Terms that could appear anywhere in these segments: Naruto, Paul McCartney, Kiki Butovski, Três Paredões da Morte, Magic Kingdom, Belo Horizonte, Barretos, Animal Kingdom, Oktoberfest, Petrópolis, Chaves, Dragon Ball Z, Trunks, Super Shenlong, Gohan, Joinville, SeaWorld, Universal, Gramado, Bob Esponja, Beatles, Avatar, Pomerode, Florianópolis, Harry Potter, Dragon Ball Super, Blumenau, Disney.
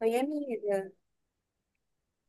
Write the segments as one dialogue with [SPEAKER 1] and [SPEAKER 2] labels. [SPEAKER 1] Oi, amiga.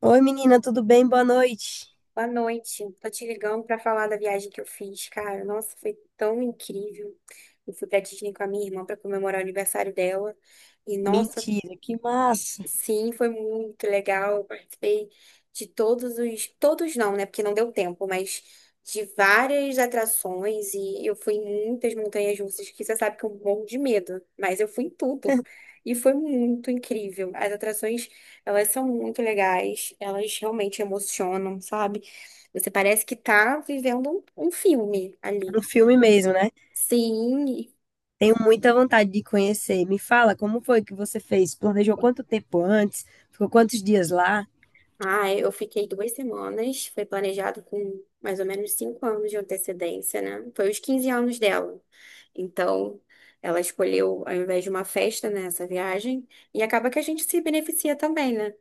[SPEAKER 2] Oi, menina, tudo bem? Boa noite.
[SPEAKER 1] Boa noite. Tô te ligando pra falar da viagem que eu fiz, cara. Nossa, foi tão incrível. Eu fui pra Disney com a minha irmã pra comemorar o aniversário dela. E nossa,
[SPEAKER 2] Mentira, que massa.
[SPEAKER 1] sim, foi muito legal. Participei de todos os. Todos não, né? Porque não deu tempo, mas de várias atrações. E eu fui em muitas montanhas russas, que você sabe que eu morro de medo. Mas eu fui em tudo. E foi muito incrível. As atrações, elas são muito legais. Elas realmente emocionam, sabe? Você parece que tá vivendo um filme ali.
[SPEAKER 2] Um filme mesmo, né?
[SPEAKER 1] Sim,
[SPEAKER 2] Tenho muita vontade de conhecer. Me fala, como foi que você fez? Planejou quanto tempo antes? Ficou quantos dias lá?
[SPEAKER 1] ah, é, eu fiquei 2 semanas. Foi planejado com mais ou menos 5 anos de antecedência, né? Foi os 15 anos dela. Então, ela escolheu, ao invés de uma festa, né, essa viagem. E acaba que a gente se beneficia também, né?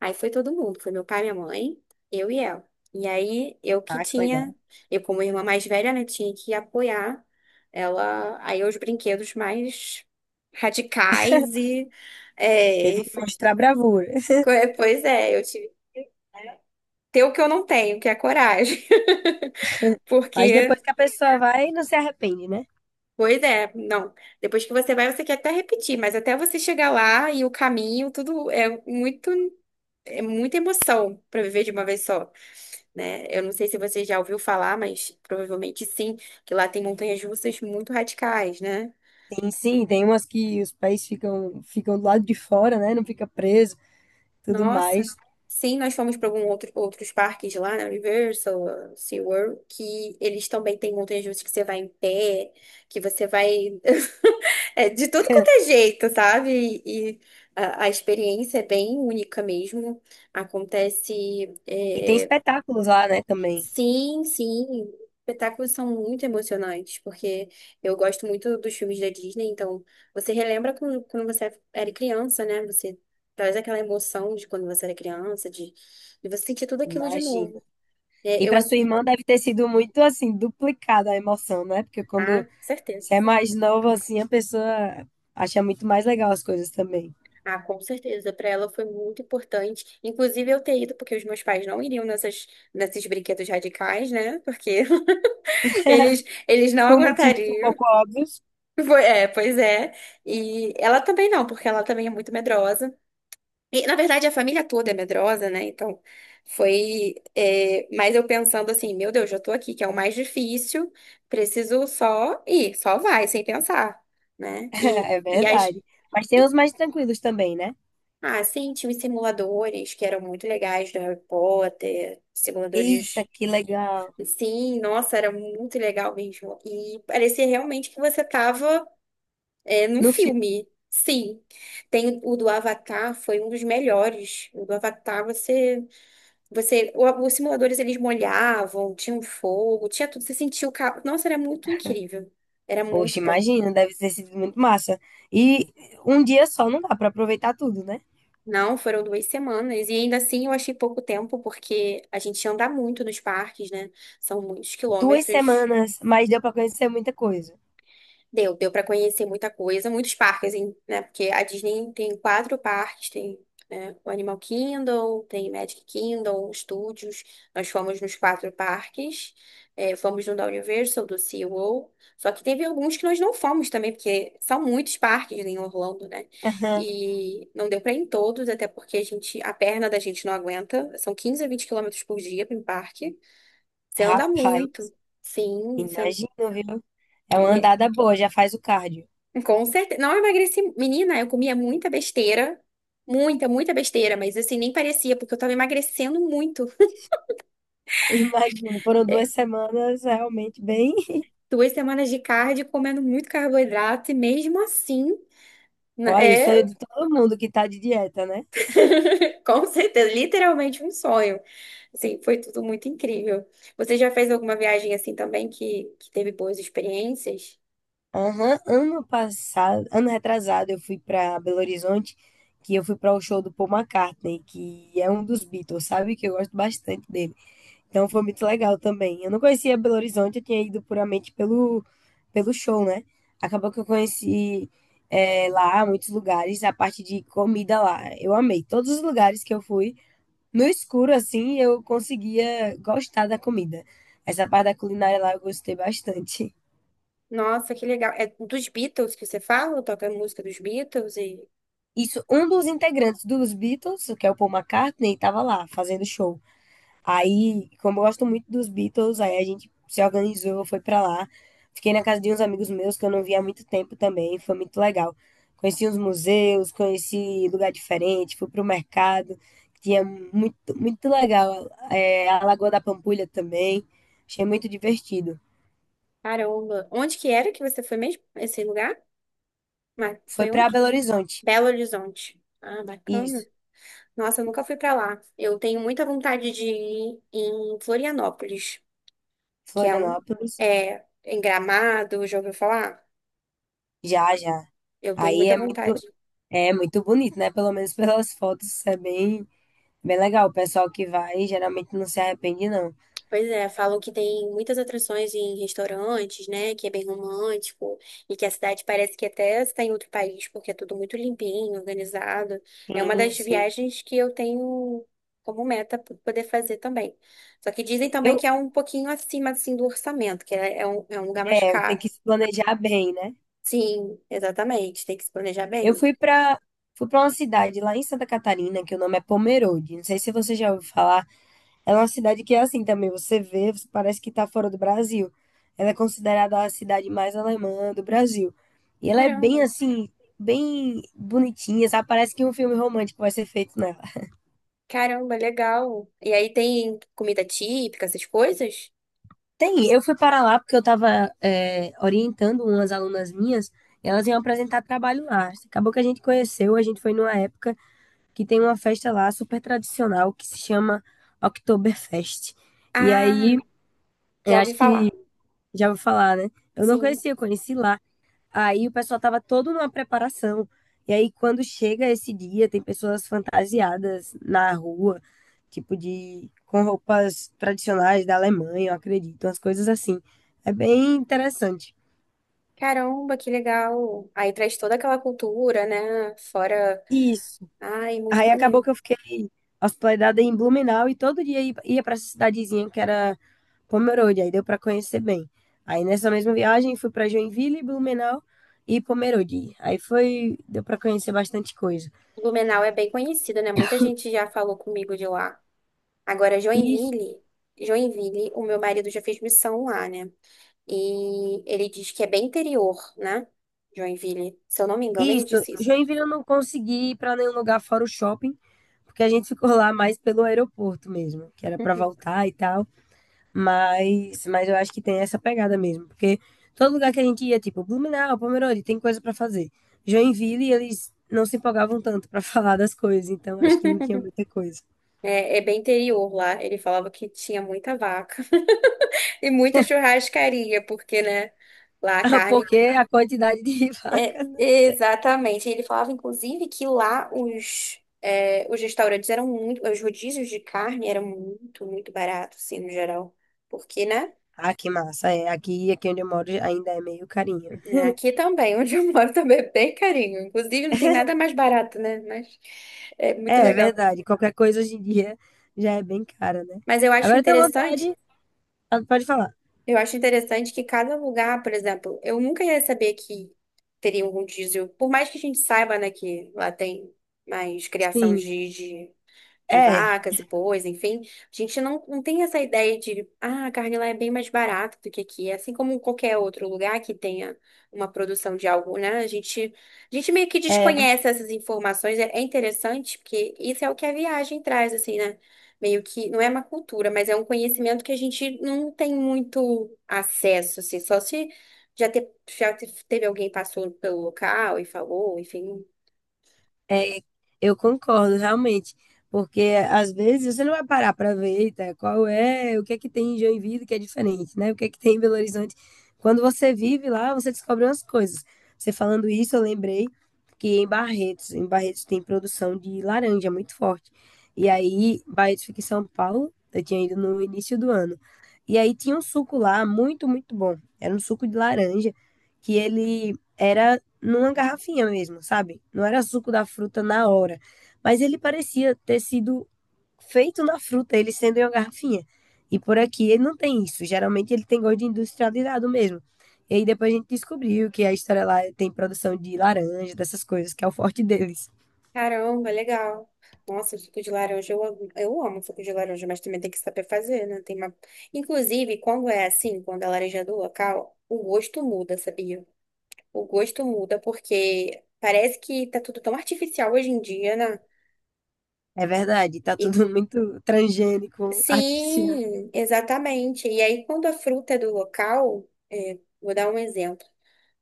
[SPEAKER 1] Aí foi todo mundo. Foi meu pai, minha mãe, eu e ela. E aí,
[SPEAKER 2] Ah, que legal.
[SPEAKER 1] eu como irmã mais velha, né, tinha que apoiar ela aí os brinquedos mais radicais e.
[SPEAKER 2] Teve
[SPEAKER 1] É, e
[SPEAKER 2] que
[SPEAKER 1] fo-
[SPEAKER 2] mostrar bravura.
[SPEAKER 1] pois é, eu tive ter o que eu não tenho, que é coragem.
[SPEAKER 2] Mas depois
[SPEAKER 1] Porque,
[SPEAKER 2] que a pessoa vai, não se arrepende, né?
[SPEAKER 1] pois é, não. Depois que você vai, você quer até repetir, mas até você chegar lá e o caminho, tudo é muito, é muita emoção para viver de uma vez só, né? Eu não sei se você já ouviu falar, mas provavelmente sim, que lá tem montanhas russas muito radicais, né?
[SPEAKER 2] Tem sim, tem umas que os pés ficam, ficam do lado de fora, né? Não fica preso, tudo mais.
[SPEAKER 1] Nossa. Sim, nós fomos para outros parques lá, né? Universal, SeaWorld, que eles também têm montanhas russas que você vai em pé, que você vai. É, de tudo quanto é jeito, sabe? E, a experiência é bem única mesmo. Acontece.
[SPEAKER 2] E tem
[SPEAKER 1] É,
[SPEAKER 2] espetáculos lá, né, também.
[SPEAKER 1] sim, sim. Espetáculos são muito emocionantes, porque eu gosto muito dos filmes da Disney, então você relembra quando você era criança, né? Você traz aquela emoção de quando você era criança, de você sentir tudo aquilo de
[SPEAKER 2] Imagina.
[SPEAKER 1] novo. É,
[SPEAKER 2] E
[SPEAKER 1] eu,
[SPEAKER 2] para
[SPEAKER 1] ass-
[SPEAKER 2] sua irmã deve ter sido muito assim, duplicada a emoção, né? Porque quando
[SPEAKER 1] ah, certeza.
[SPEAKER 2] você é mais novo assim, a pessoa acha muito mais legal as coisas também.
[SPEAKER 1] Ah, com certeza. Para ela foi muito importante. Inclusive eu ter ido, porque os meus pais não iriam nesses brinquedos radicais, né? Porque eles não
[SPEAKER 2] Por motivos um
[SPEAKER 1] aguentariam.
[SPEAKER 2] pouco óbvios,
[SPEAKER 1] É, pois é. E ela também não, porque ela também é muito medrosa. E, na verdade, a família toda é medrosa, né? Então, foi. Mas eu pensando assim, meu Deus, já tô aqui, que é o mais difícil, preciso só ir, só vai, sem pensar, né? E,
[SPEAKER 2] é
[SPEAKER 1] e as.
[SPEAKER 2] verdade. Mas tem os mais tranquilos também, né?
[SPEAKER 1] Ah, sim, tinha os simuladores que eram muito legais do Harry Potter,
[SPEAKER 2] Eita,
[SPEAKER 1] simuladores.
[SPEAKER 2] que legal.
[SPEAKER 1] Sim, nossa, era muito legal mesmo. E parecia realmente que você estava num
[SPEAKER 2] No filme,
[SPEAKER 1] filme. Sim. Tem o do Avatar, foi um dos melhores. O do Avatar, os simuladores eles molhavam, tinha um fogo, tinha tudo, você sentia o carro. Nossa, era muito incrível. Era muito
[SPEAKER 2] poxa,
[SPEAKER 1] bom.
[SPEAKER 2] imagina, deve ter sido muito massa. E um dia só não dá para aproveitar tudo, né?
[SPEAKER 1] Não, foram 2 semanas. E ainda assim eu achei pouco tempo, porque a gente anda muito nos parques, né? São muitos
[SPEAKER 2] Duas
[SPEAKER 1] quilômetros.
[SPEAKER 2] semanas, mas deu para conhecer muita coisa.
[SPEAKER 1] Deu para conhecer muita coisa, muitos parques, hein, né? Porque a Disney tem quatro parques, tem, né, o Animal Kingdom, tem Magic Kingdom, Studios. Nós fomos nos quatro parques, é, fomos no da Universal, do SeaWorld. Só que teve alguns que nós não fomos também, porque são muitos parques em Orlando, né?
[SPEAKER 2] Aham.
[SPEAKER 1] E não deu para ir em todos, até porque a gente, a perna da gente não aguenta. São 15 a 20 quilômetros por dia para um parque. Você anda
[SPEAKER 2] Rapaz,
[SPEAKER 1] muito. Sim, você-
[SPEAKER 2] imagina, viu? É uma andada boa, já faz o cardio.
[SPEAKER 1] Com certeza. Não, eu emagreci. Menina, eu comia muita besteira. Muita, muita besteira, mas assim, nem parecia, porque eu tava emagrecendo muito.
[SPEAKER 2] Imagino, foram
[SPEAKER 1] É,
[SPEAKER 2] duas semanas realmente bem.
[SPEAKER 1] duas semanas de cardio, comendo muito carboidrato, e mesmo assim, n-
[SPEAKER 2] Olha, o sonho
[SPEAKER 1] é,
[SPEAKER 2] de todo mundo que tá de dieta, né?
[SPEAKER 1] com certeza, literalmente um sonho. Assim, foi tudo muito incrível. Você já fez alguma viagem assim também que teve boas experiências?
[SPEAKER 2] Aham, ano passado, ano retrasado, eu fui pra Belo Horizonte, que eu fui para o show do Paul McCartney, que é um dos Beatles, sabe? Que eu gosto bastante dele. Então foi muito legal também. Eu não conhecia Belo Horizonte, eu tinha ido puramente pelo show, né? Acabou que eu conheci lá muitos lugares, a parte de comida lá. Eu amei. Todos os lugares que eu fui. No escuro, assim, eu conseguia gostar da comida. Essa parte da culinária lá eu gostei bastante.
[SPEAKER 1] Nossa, que legal. É dos Beatles que você fala? Toca música dos Beatles e.
[SPEAKER 2] Isso, um dos integrantes dos Beatles, que é o Paul McCartney, estava lá fazendo show. Aí, como eu gosto muito dos Beatles, aí a gente se organizou, foi pra lá. Fiquei na casa de uns amigos meus que eu não via há muito tempo também, foi muito legal. Conheci uns museus, conheci lugar diferente, fui pro mercado, que tinha muito, muito legal. É, a Lagoa da Pampulha também, achei muito divertido.
[SPEAKER 1] Caramba. Onde que era que você foi mesmo? Esse lugar? Mas
[SPEAKER 2] Foi
[SPEAKER 1] foi
[SPEAKER 2] pra
[SPEAKER 1] onde?
[SPEAKER 2] Belo Horizonte.
[SPEAKER 1] Belo Horizonte. Ah, bacana.
[SPEAKER 2] Isso.
[SPEAKER 1] Nossa, eu nunca fui pra lá. Eu tenho muita vontade de ir em Florianópolis, que é um.
[SPEAKER 2] Florianópolis.
[SPEAKER 1] É, em Gramado, já ouviu falar?
[SPEAKER 2] Já, já.
[SPEAKER 1] Eu tenho
[SPEAKER 2] Aí
[SPEAKER 1] muita vontade.
[SPEAKER 2] é muito bonito, né? Pelo menos pelas fotos, é bem, bem legal. O pessoal que vai geralmente não se arrepende, não.
[SPEAKER 1] Pois é, falam que tem muitas atrações em restaurantes, né? Que é bem romântico e que a cidade parece que até está em outro país, porque é tudo muito limpinho, organizado. É uma
[SPEAKER 2] Sim,
[SPEAKER 1] das
[SPEAKER 2] sim.
[SPEAKER 1] viagens que eu tenho como meta poder fazer também. Só que dizem também
[SPEAKER 2] Eu,
[SPEAKER 1] que é um pouquinho acima assim do orçamento, que é, é um lugar mais
[SPEAKER 2] é, eu tenho
[SPEAKER 1] caro.
[SPEAKER 2] que se planejar bem, né?
[SPEAKER 1] Sim, exatamente. Tem que se planejar
[SPEAKER 2] Eu
[SPEAKER 1] bem.
[SPEAKER 2] fui pra Fui para uma cidade lá em Santa Catarina, que o nome é Pomerode. Não sei se você já ouviu falar. É uma cidade que é assim também, você vê, você parece que tá fora do Brasil. Ela é considerada a cidade mais alemã do Brasil. E ela é
[SPEAKER 1] Caramba,
[SPEAKER 2] bem assim, bem bonitinha, sabe? Parece que um filme romântico vai ser feito nela.
[SPEAKER 1] caramba, legal. E aí tem comida típica, essas coisas?
[SPEAKER 2] Tem, eu fui para lá porque eu estava orientando umas alunas minhas, e elas iam apresentar trabalho lá. Acabou que a gente conheceu, a gente foi numa época que tem uma festa lá super tradicional que se chama Oktoberfest. E aí,
[SPEAKER 1] Ah, já
[SPEAKER 2] eu
[SPEAKER 1] ouvi
[SPEAKER 2] acho que
[SPEAKER 1] falar.
[SPEAKER 2] já vou falar, né? Eu não
[SPEAKER 1] Sim.
[SPEAKER 2] conhecia, eu conheci lá. Aí o pessoal tava todo numa preparação. E aí, quando chega esse dia, tem pessoas fantasiadas na rua, tipo de com roupas tradicionais da Alemanha, eu acredito, umas coisas assim. É bem interessante.
[SPEAKER 1] Caramba, que legal. Aí traz toda aquela cultura, né? Fora.
[SPEAKER 2] Isso.
[SPEAKER 1] Ai, muito
[SPEAKER 2] Aí acabou
[SPEAKER 1] maneiro.
[SPEAKER 2] que eu fiquei hospedada em Blumenau e todo dia ia ia pra essa cidadezinha que era Pomerode, aí deu pra conhecer bem. Aí nessa mesma viagem fui pra Joinville, Blumenau e Pomerode. Aí foi, deu pra conhecer bastante coisa.
[SPEAKER 1] Blumenau é bem conhecido, né? Muita gente já falou comigo de lá. Agora,
[SPEAKER 2] E
[SPEAKER 1] Joinville. Joinville, o meu marido já fez missão lá, né? E ele diz que é bem interior, né? Joinville. Se eu não me engano, ele
[SPEAKER 2] isso,
[SPEAKER 1] disse isso.
[SPEAKER 2] Joinville eu não consegui ir para nenhum lugar fora o shopping, porque a gente ficou lá mais pelo aeroporto mesmo, que era para voltar e tal. Mas eu acho que tem essa pegada mesmo, porque todo lugar que a gente ia, tipo Blumenau, Pomerode, tem coisa para fazer. Joinville, eles não se empolgavam tanto para falar das coisas, então acho que não tinha muita coisa.
[SPEAKER 1] É, é bem interior lá. Ele falava que tinha muita vaca e muita churrascaria, porque, né? Lá a carne.
[SPEAKER 2] Porque a quantidade de
[SPEAKER 1] É,
[SPEAKER 2] vacas, né?
[SPEAKER 1] exatamente. Ele falava, inclusive, que lá os, é, os restaurantes eram muito, os rodízios de carne eram muito, muito baratos, assim, no geral. Porque, né?
[SPEAKER 2] Ah, que massa, é. Aqui onde eu moro ainda é meio carinho.
[SPEAKER 1] Né, aqui também, onde eu moro, também é bem carinho. Inclusive, não tem nada mais barato, né? Mas é muito
[SPEAKER 2] É
[SPEAKER 1] legal.
[SPEAKER 2] verdade, qualquer coisa hoje em dia já é bem cara, né?
[SPEAKER 1] Mas eu acho
[SPEAKER 2] Agora eu tenho
[SPEAKER 1] interessante,
[SPEAKER 2] vontade. Ah, pode falar.
[SPEAKER 1] eu acho interessante que cada lugar, por exemplo, eu nunca ia saber que teria um rodízio. Por mais que a gente saiba, né, que lá tem mais criação
[SPEAKER 2] Sim,
[SPEAKER 1] de, de
[SPEAKER 2] é,
[SPEAKER 1] vacas e bois, enfim, a gente não tem essa ideia de, ah, a carne lá é bem mais barata do que aqui, assim como qualquer outro lugar que tenha uma produção de algo, né? A gente meio que
[SPEAKER 2] é.
[SPEAKER 1] desconhece essas informações, é interessante, porque isso é o que a viagem traz, assim, né? Meio que, não é uma cultura, mas é um conhecimento que a gente não tem muito acesso, assim, só se já, te, teve alguém passou pelo local e falou, enfim,
[SPEAKER 2] É, eu concordo, realmente. Porque às vezes você não vai parar para ver, eita, qual é, o que é que tem em Joinville que é diferente, né? O que é que tem em Belo Horizonte? Quando você vive lá, você descobre umas coisas. Você falando isso, eu lembrei que em Barretos tem produção de laranja muito forte. E aí, Barretos fica em São Paulo, eu tinha ido no início do ano. E aí tinha um suco lá muito, muito bom. Era um suco de laranja que ele era numa garrafinha mesmo, sabe? Não era suco da fruta na hora, mas ele parecia ter sido feito na fruta, ele sendo em uma garrafinha. E por aqui ele não tem isso. Geralmente ele tem gosto de industrializado mesmo. E aí depois a gente descobriu que a história lá tem produção de laranja, dessas coisas, que é o forte deles.
[SPEAKER 1] caramba, legal. Nossa, suco de laranja, eu amo suco de laranja, mas também tem que saber fazer, né? Tem uma... Inclusive, quando é assim, quando a laranja é do local, o gosto muda, sabia? O gosto muda porque parece que tá tudo tão artificial hoje em dia, né?
[SPEAKER 2] É verdade, tá
[SPEAKER 1] E
[SPEAKER 2] tudo muito transgênico, artificial.
[SPEAKER 1] sim, exatamente. E aí, quando a fruta é do local, é, vou dar um exemplo.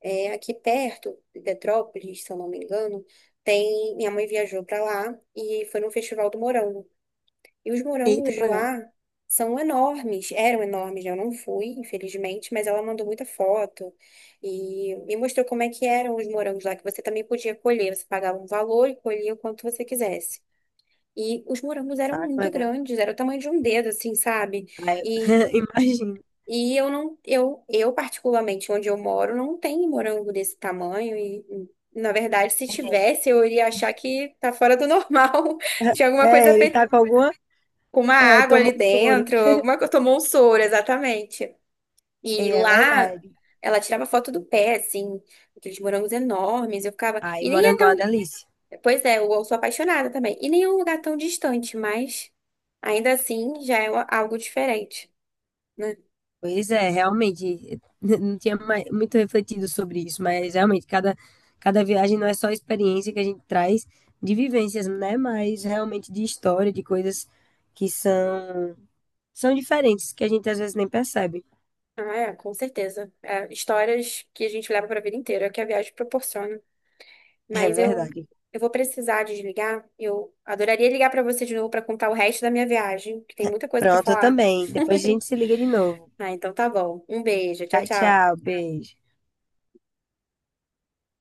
[SPEAKER 1] É, aqui perto, em Petrópolis, se eu não me engano, tem... Minha mãe viajou pra lá e foi no festival do morango. E os
[SPEAKER 2] Eita,
[SPEAKER 1] morangos
[SPEAKER 2] que
[SPEAKER 1] de
[SPEAKER 2] legal.
[SPEAKER 1] lá são enormes, eram enormes, né? Eu não fui, infelizmente, mas ela mandou muita foto e me mostrou como é que eram os morangos lá, que você também podia colher, você pagava um valor e colhia o quanto você quisesse. E os morangos eram
[SPEAKER 2] Ah, que
[SPEAKER 1] muito
[SPEAKER 2] legal.
[SPEAKER 1] grandes, era o tamanho de um dedo, assim, sabe?
[SPEAKER 2] Aí,
[SPEAKER 1] E,
[SPEAKER 2] imagino.
[SPEAKER 1] e eu não, eu particularmente, onde eu moro, não tem morango desse tamanho e, na verdade, se
[SPEAKER 2] É,
[SPEAKER 1] tivesse, eu iria achar que tá fora do normal. Tinha alguma
[SPEAKER 2] é,
[SPEAKER 1] coisa
[SPEAKER 2] ele tá com alguma.
[SPEAKER 1] com uma
[SPEAKER 2] É,
[SPEAKER 1] água
[SPEAKER 2] tomou
[SPEAKER 1] ali
[SPEAKER 2] um soro.
[SPEAKER 1] dentro, alguma coisa, tomou um soro, exatamente.
[SPEAKER 2] É,
[SPEAKER 1] E
[SPEAKER 2] é
[SPEAKER 1] lá
[SPEAKER 2] verdade.
[SPEAKER 1] ela tirava foto do pé, assim, aqueles morangos enormes, eu ficava.
[SPEAKER 2] Ai,
[SPEAKER 1] E nem é
[SPEAKER 2] morango é uma
[SPEAKER 1] tão.
[SPEAKER 2] delícia.
[SPEAKER 1] Pois é, eu sou apaixonada também. E nem é um lugar tão distante, mas ainda assim já é algo diferente. Né?
[SPEAKER 2] Pois é, realmente, não tinha muito refletido sobre isso, mas realmente, cada viagem não é só experiência que a gente traz de vivências, né? Mas realmente de história, de coisas que são, são diferentes, que a gente às vezes nem percebe.
[SPEAKER 1] Ah, é, com certeza. É, histórias que a gente leva para a vida inteira, é o que a viagem proporciona.
[SPEAKER 2] É
[SPEAKER 1] Mas eu,
[SPEAKER 2] verdade.
[SPEAKER 1] eu vou precisar desligar. Eu adoraria ligar para você de novo para contar o resto da minha viagem, que tem muita coisa para
[SPEAKER 2] Pronto, eu
[SPEAKER 1] falar.
[SPEAKER 2] também. Depois a gente se liga de novo.
[SPEAKER 1] Ah, então tá bom. Um beijo. Tchau,
[SPEAKER 2] Tchau,
[SPEAKER 1] tchau.
[SPEAKER 2] tchau, beijo.